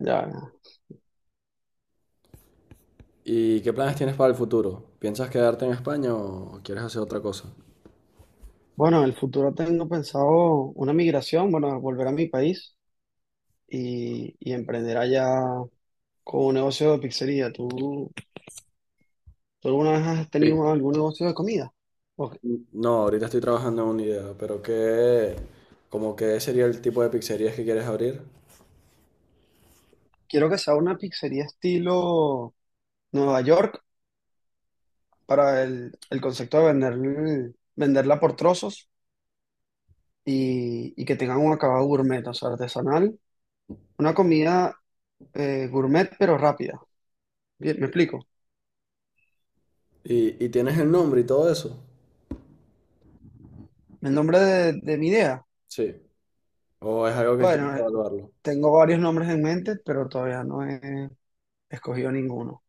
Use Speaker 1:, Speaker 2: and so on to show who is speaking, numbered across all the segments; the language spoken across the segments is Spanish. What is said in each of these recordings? Speaker 1: Ya.
Speaker 2: ¿Y qué planes tienes para el futuro? ¿Piensas quedarte en España o quieres hacer otra cosa?
Speaker 1: Bueno, en el futuro tengo pensado una migración, bueno, volver a mi país y emprender allá con un negocio de pizzería. ¿Tú alguna vez has
Speaker 2: Sí.
Speaker 1: tenido algún negocio de comida? O-
Speaker 2: No, ahorita estoy trabajando en una idea, pero ¿qué, como qué sería el tipo de pizzerías que quieres abrir?
Speaker 1: Quiero que sea una pizzería estilo Nueva York para el concepto de venderla por trozos y que tengan un acabado gourmet, o sea, artesanal. Una comida gourmet pero rápida. Bien, ¿me explico?
Speaker 2: ¿Y tienes el nombre y todo eso?
Speaker 1: El nombre de mi idea.
Speaker 2: Sí. ¿O es algo que quieres
Speaker 1: Bueno,
Speaker 2: evaluarlo?
Speaker 1: tengo varios nombres en mente, pero todavía no he escogido ninguno.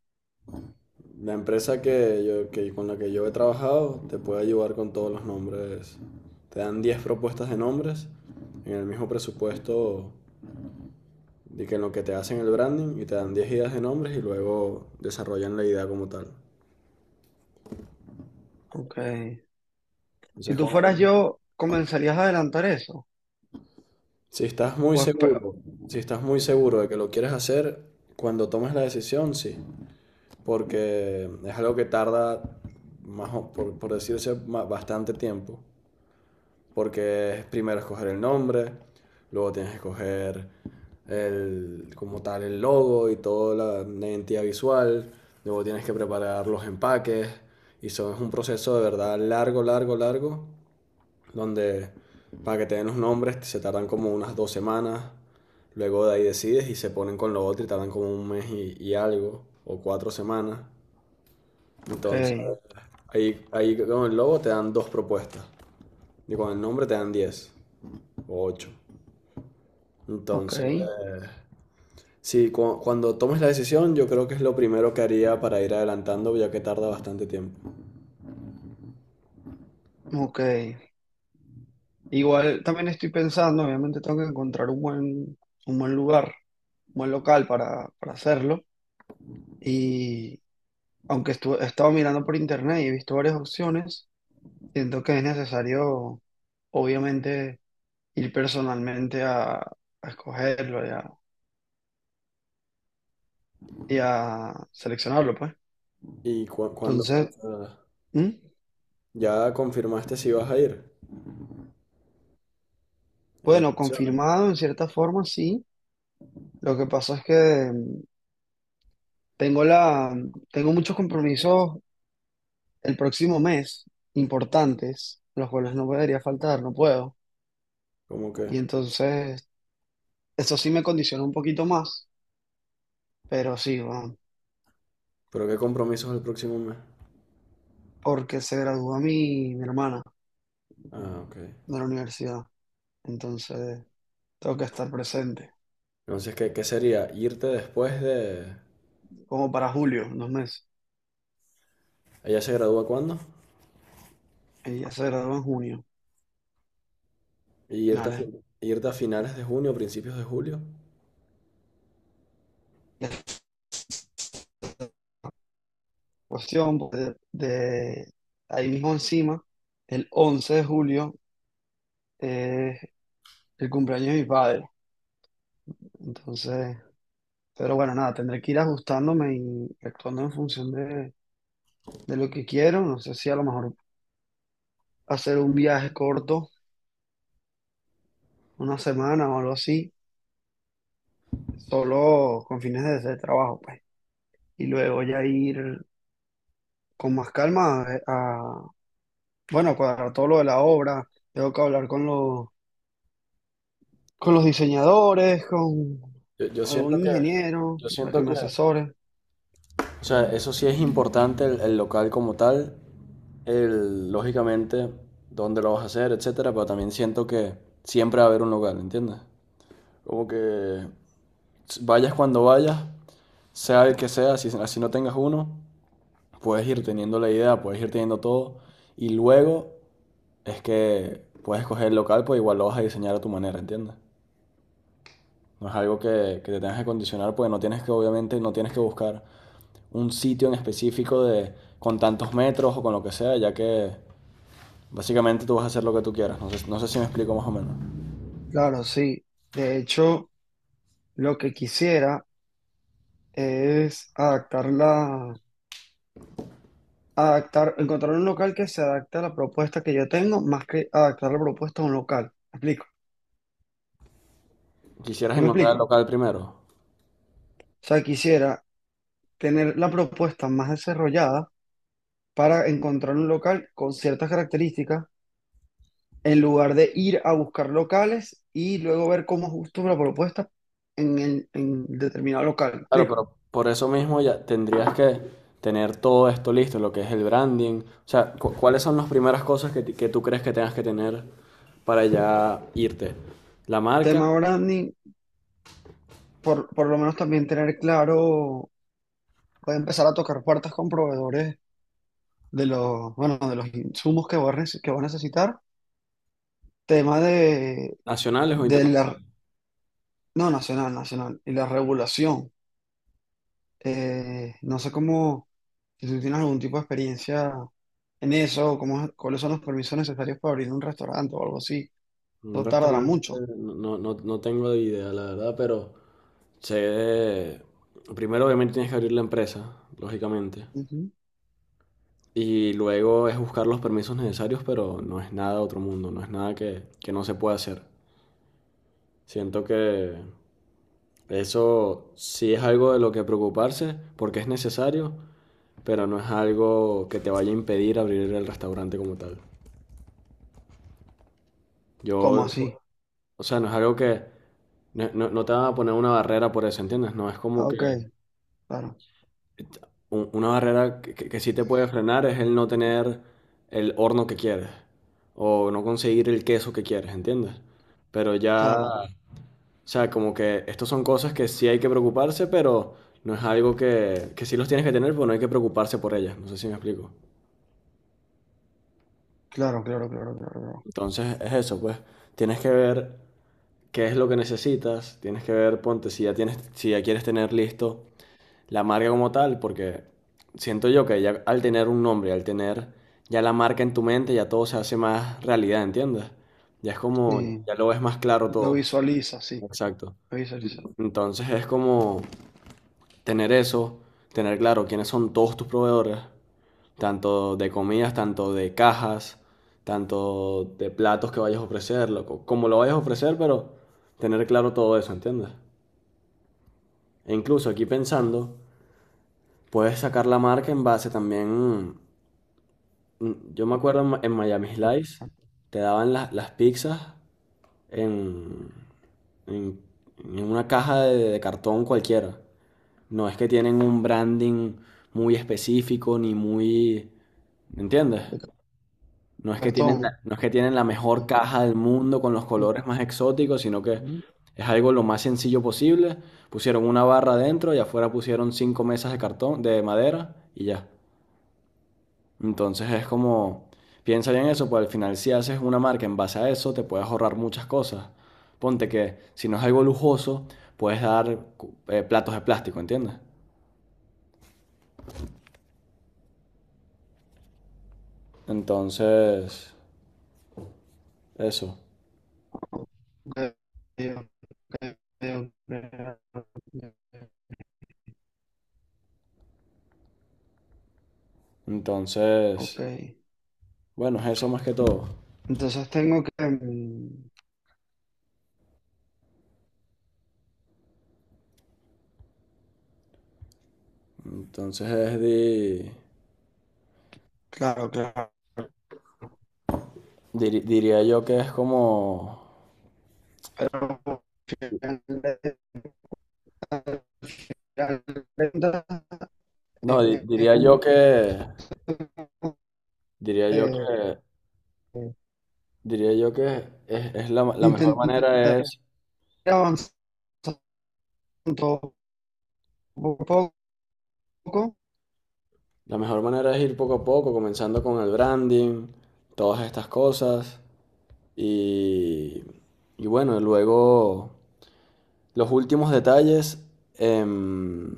Speaker 2: La empresa con la que yo he trabajado te puede ayudar con todos los nombres. Te dan 10 propuestas de nombres en el mismo presupuesto. De que en lo que te hacen el branding y te dan 10 ideas de nombres y luego desarrollan la idea como tal.
Speaker 1: Ok. Si
Speaker 2: Entonces,
Speaker 1: tú
Speaker 2: con él,
Speaker 1: fueras yo, ¿comenzarías a adelantar eso?
Speaker 2: si estás muy
Speaker 1: O espe-
Speaker 2: seguro, si estás muy
Speaker 1: Ok,
Speaker 2: seguro de que lo quieres hacer, cuando tomes la decisión, sí. Porque es algo que tarda, más por decirse, bastante tiempo. Porque primero escoger el nombre, luego tienes que escoger como tal el logo y toda la identidad visual, luego tienes que preparar los empaques y eso es un proceso de verdad largo, largo, largo, donde para que te den los nombres se tardan como unas dos semanas, luego de ahí decides y se ponen con lo otro y tardan como un mes y algo, o cuatro semanas. Entonces, ahí con el logo te dan dos propuestas y con el nombre te dan diez. Ocho.
Speaker 1: ok,
Speaker 2: Entonces, sí, cuando tomes la decisión, yo creo que es lo primero que haría para ir adelantando, ya que tarda bastante tiempo.
Speaker 1: ok. Igual también estoy pensando, obviamente tengo que encontrar un buen lugar, un buen local para hacerlo. Y he estado mirando por internet y he visto varias opciones, siento que es necesario, obviamente, ir personalmente a escogerlo. Ya y a seleccionarlo, pues.
Speaker 2: ¿Y cuándo
Speaker 1: Entonces,
Speaker 2: piensas?
Speaker 1: ¿mm?
Speaker 2: ¿Ya confirmaste si vas a ir? En
Speaker 1: Bueno,
Speaker 2: pensiones.
Speaker 1: confirmado en cierta forma, sí. Lo que pasa es que tengo tengo muchos compromisos el próximo mes importantes, los cuales no debería faltar, no puedo.
Speaker 2: ¿Cómo que?
Speaker 1: Y entonces, eso sí me condiciona un poquito más, pero sí, bueno,
Speaker 2: ¿Pero qué compromisos el próximo mes?
Speaker 1: porque se gradúa mi hermana
Speaker 2: Ah, ok.
Speaker 1: de la universidad. Entonces, tengo que estar presente,
Speaker 2: Entonces, ¿qué sería? ¿Irte después de...
Speaker 1: como para julio, en dos meses.
Speaker 2: ¿Ella se gradúa cuándo?
Speaker 1: Ella se gradúa en junio,
Speaker 2: ¿Y irte a,
Speaker 1: finales,
Speaker 2: irte a finales de junio, principios de julio?
Speaker 1: cuestión pues, de ahí mismo encima, el 11 de julio es el cumpleaños de mi padre. Entonces, pero bueno, nada, tendré que ir ajustándome y actuando en función de lo que quiero. No sé si a lo mejor hacer un viaje corto, una semana o algo así, solo con fines de trabajo, pues. Y luego ya ir con más calma a- bueno, cuadrar todo lo de la obra. Tengo que hablar con los diseñadores, con
Speaker 2: Yo
Speaker 1: algún
Speaker 2: siento que...
Speaker 1: ingeniero
Speaker 2: Yo
Speaker 1: para que
Speaker 2: siento
Speaker 1: me
Speaker 2: que...
Speaker 1: asesore.
Speaker 2: O sea, eso sí es importante el local como tal, lógicamente, dónde lo vas a hacer, etcétera, pero también siento que siempre va a haber un lugar, ¿entiendes? Como que vayas cuando vayas, sea el que sea, si no tengas uno, puedes ir teniendo la idea, puedes ir teniendo todo, y luego es que puedes escoger el local, pues igual lo vas a diseñar a tu manera, ¿entiendes? No es algo que te tengas que condicionar, pues no tienes que, obviamente, no tienes que buscar un sitio en específico de con tantos metros o con lo que sea, ya que básicamente tú vas a hacer lo que tú quieras. No sé, no sé si me explico más o menos.
Speaker 1: Claro, sí. De hecho, lo que quisiera es encontrar un local que se adapte a la propuesta que yo tengo, más que adaptar la propuesta a un local. ¿Me explico?
Speaker 2: Quisieras
Speaker 1: ¿Sí me
Speaker 2: encontrar el
Speaker 1: explico?
Speaker 2: local primero.
Speaker 1: O sea, quisiera tener la propuesta más desarrollada para encontrar un local con ciertas características en lugar de ir a buscar locales y luego ver cómo ajusto la propuesta en, el- en determinado local. ¿Me
Speaker 2: Claro,
Speaker 1: explico?
Speaker 2: pero por eso mismo ya tendrías que tener todo esto listo, lo que es el branding. O sea, ¿cuáles son las primeras cosas que tú crees que tengas que tener para ya irte? ¿La
Speaker 1: Tema
Speaker 2: marca?
Speaker 1: branding, por lo menos también tener claro, voy a empezar a tocar puertas con proveedores de los, bueno, de los insumos que voy que voy a necesitar. Tema
Speaker 2: ¿Nacionales o
Speaker 1: de la,
Speaker 2: internacionales?
Speaker 1: no, nacional, nacional, y la regulación. No sé cómo, si tú tienes algún tipo de experiencia en eso, cómo, cuáles son los permisos necesarios para abrir un restaurante o algo así.
Speaker 2: Un
Speaker 1: No tardará
Speaker 2: restaurante,
Speaker 1: mucho.
Speaker 2: no tengo de idea, la verdad, pero sé de- primero obviamente tienes que abrir la empresa, lógicamente.
Speaker 1: Ujú.
Speaker 2: Y luego es buscar los permisos necesarios, pero no es nada de otro mundo, no es nada que no se pueda hacer. Siento que eso sí es algo de lo que preocuparse, porque es necesario, pero no es algo que te vaya a impedir abrir el restaurante como tal.
Speaker 1: ¿Cómo
Speaker 2: Yo,
Speaker 1: así?
Speaker 2: o sea, no es algo que, no te van a poner una barrera por eso, ¿entiendes? No es como
Speaker 1: Ah, ok,
Speaker 2: que
Speaker 1: claro,
Speaker 2: una barrera que sí te puede frenar es el no tener el horno que quieres o no conseguir el queso que quieres, ¿entiendes? Pero ya,
Speaker 1: claro,
Speaker 2: o sea, como que estas son cosas que sí hay que preocuparse, pero no es algo que sí los tienes que tener, pero no hay que preocuparse por ellas, no sé si me explico.
Speaker 1: claro, claro, claro, claro, claro.
Speaker 2: Entonces es eso, pues tienes que ver qué es lo que necesitas, tienes que ver, ponte, si ya tienes, si ya quieres tener listo la marca como tal, porque siento yo que ya al tener un nombre, al tener ya la marca en tu mente, ya todo se hace más realidad, ¿entiendes? Ya es como,
Speaker 1: Sí,
Speaker 2: ya lo ves más claro
Speaker 1: lo
Speaker 2: todo.
Speaker 1: visualiza, sí,
Speaker 2: Exacto.
Speaker 1: lo visualiza.
Speaker 2: Entonces es como tener eso, tener claro quiénes son todos tus proveedores, tanto de comidas, tanto de cajas, tanto de platos que vayas a ofrecer, loco, como lo vayas a ofrecer, pero tener claro todo eso, ¿entiendes? E incluso aquí pensando, puedes sacar la marca en base también. Yo me acuerdo en, en Miami
Speaker 1: De
Speaker 2: Slice, te daban las pizzas en, en- en una caja de cartón cualquiera. No es que tienen un branding muy específico ni muy... ¿Me entiendes? No es que tienen
Speaker 1: cartón.
Speaker 2: la, no es que tienen la mejor caja del mundo con los colores más exóticos, sino que
Speaker 1: Ujú.
Speaker 2: es algo lo más sencillo posible. Pusieron una barra adentro y afuera pusieron cinco mesas de cartón, de madera y ya. Entonces es como, piensa bien eso, pues al final si haces una marca en base a eso, te puedes ahorrar muchas cosas. Ponte que si no es algo lujoso, puedes dar platos de plástico, ¿entiendes? Entonces, eso.
Speaker 1: Ok, ok, ok, ok. Ok.
Speaker 2: Entonces, bueno, es eso más que todo.
Speaker 1: Entonces tengo que...
Speaker 2: Entonces
Speaker 1: claro, claro.
Speaker 2: diría yo que es como,
Speaker 1: Pero al final de
Speaker 2: no,
Speaker 1: eh, eh,
Speaker 2: diría yo que, diría yo
Speaker 1: eh,
Speaker 2: que,
Speaker 1: eh,
Speaker 2: diría yo que la mejor
Speaker 1: intentar
Speaker 2: manera es...
Speaker 1: avanzando poco a poco
Speaker 2: La mejor manera es ir poco a poco, comenzando con el branding, todas estas cosas. Y, y bueno, luego los últimos detalles, em,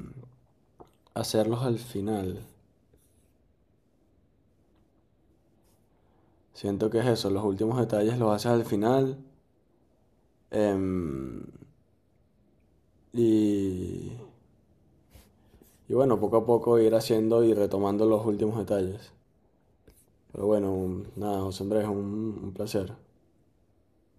Speaker 2: hacerlos al final. Siento que es eso, los últimos detalles los haces al final. em, y, y bueno, poco a poco ir haciendo y retomando los últimos detalles. Pero bueno, nada, José Andrés, un placer.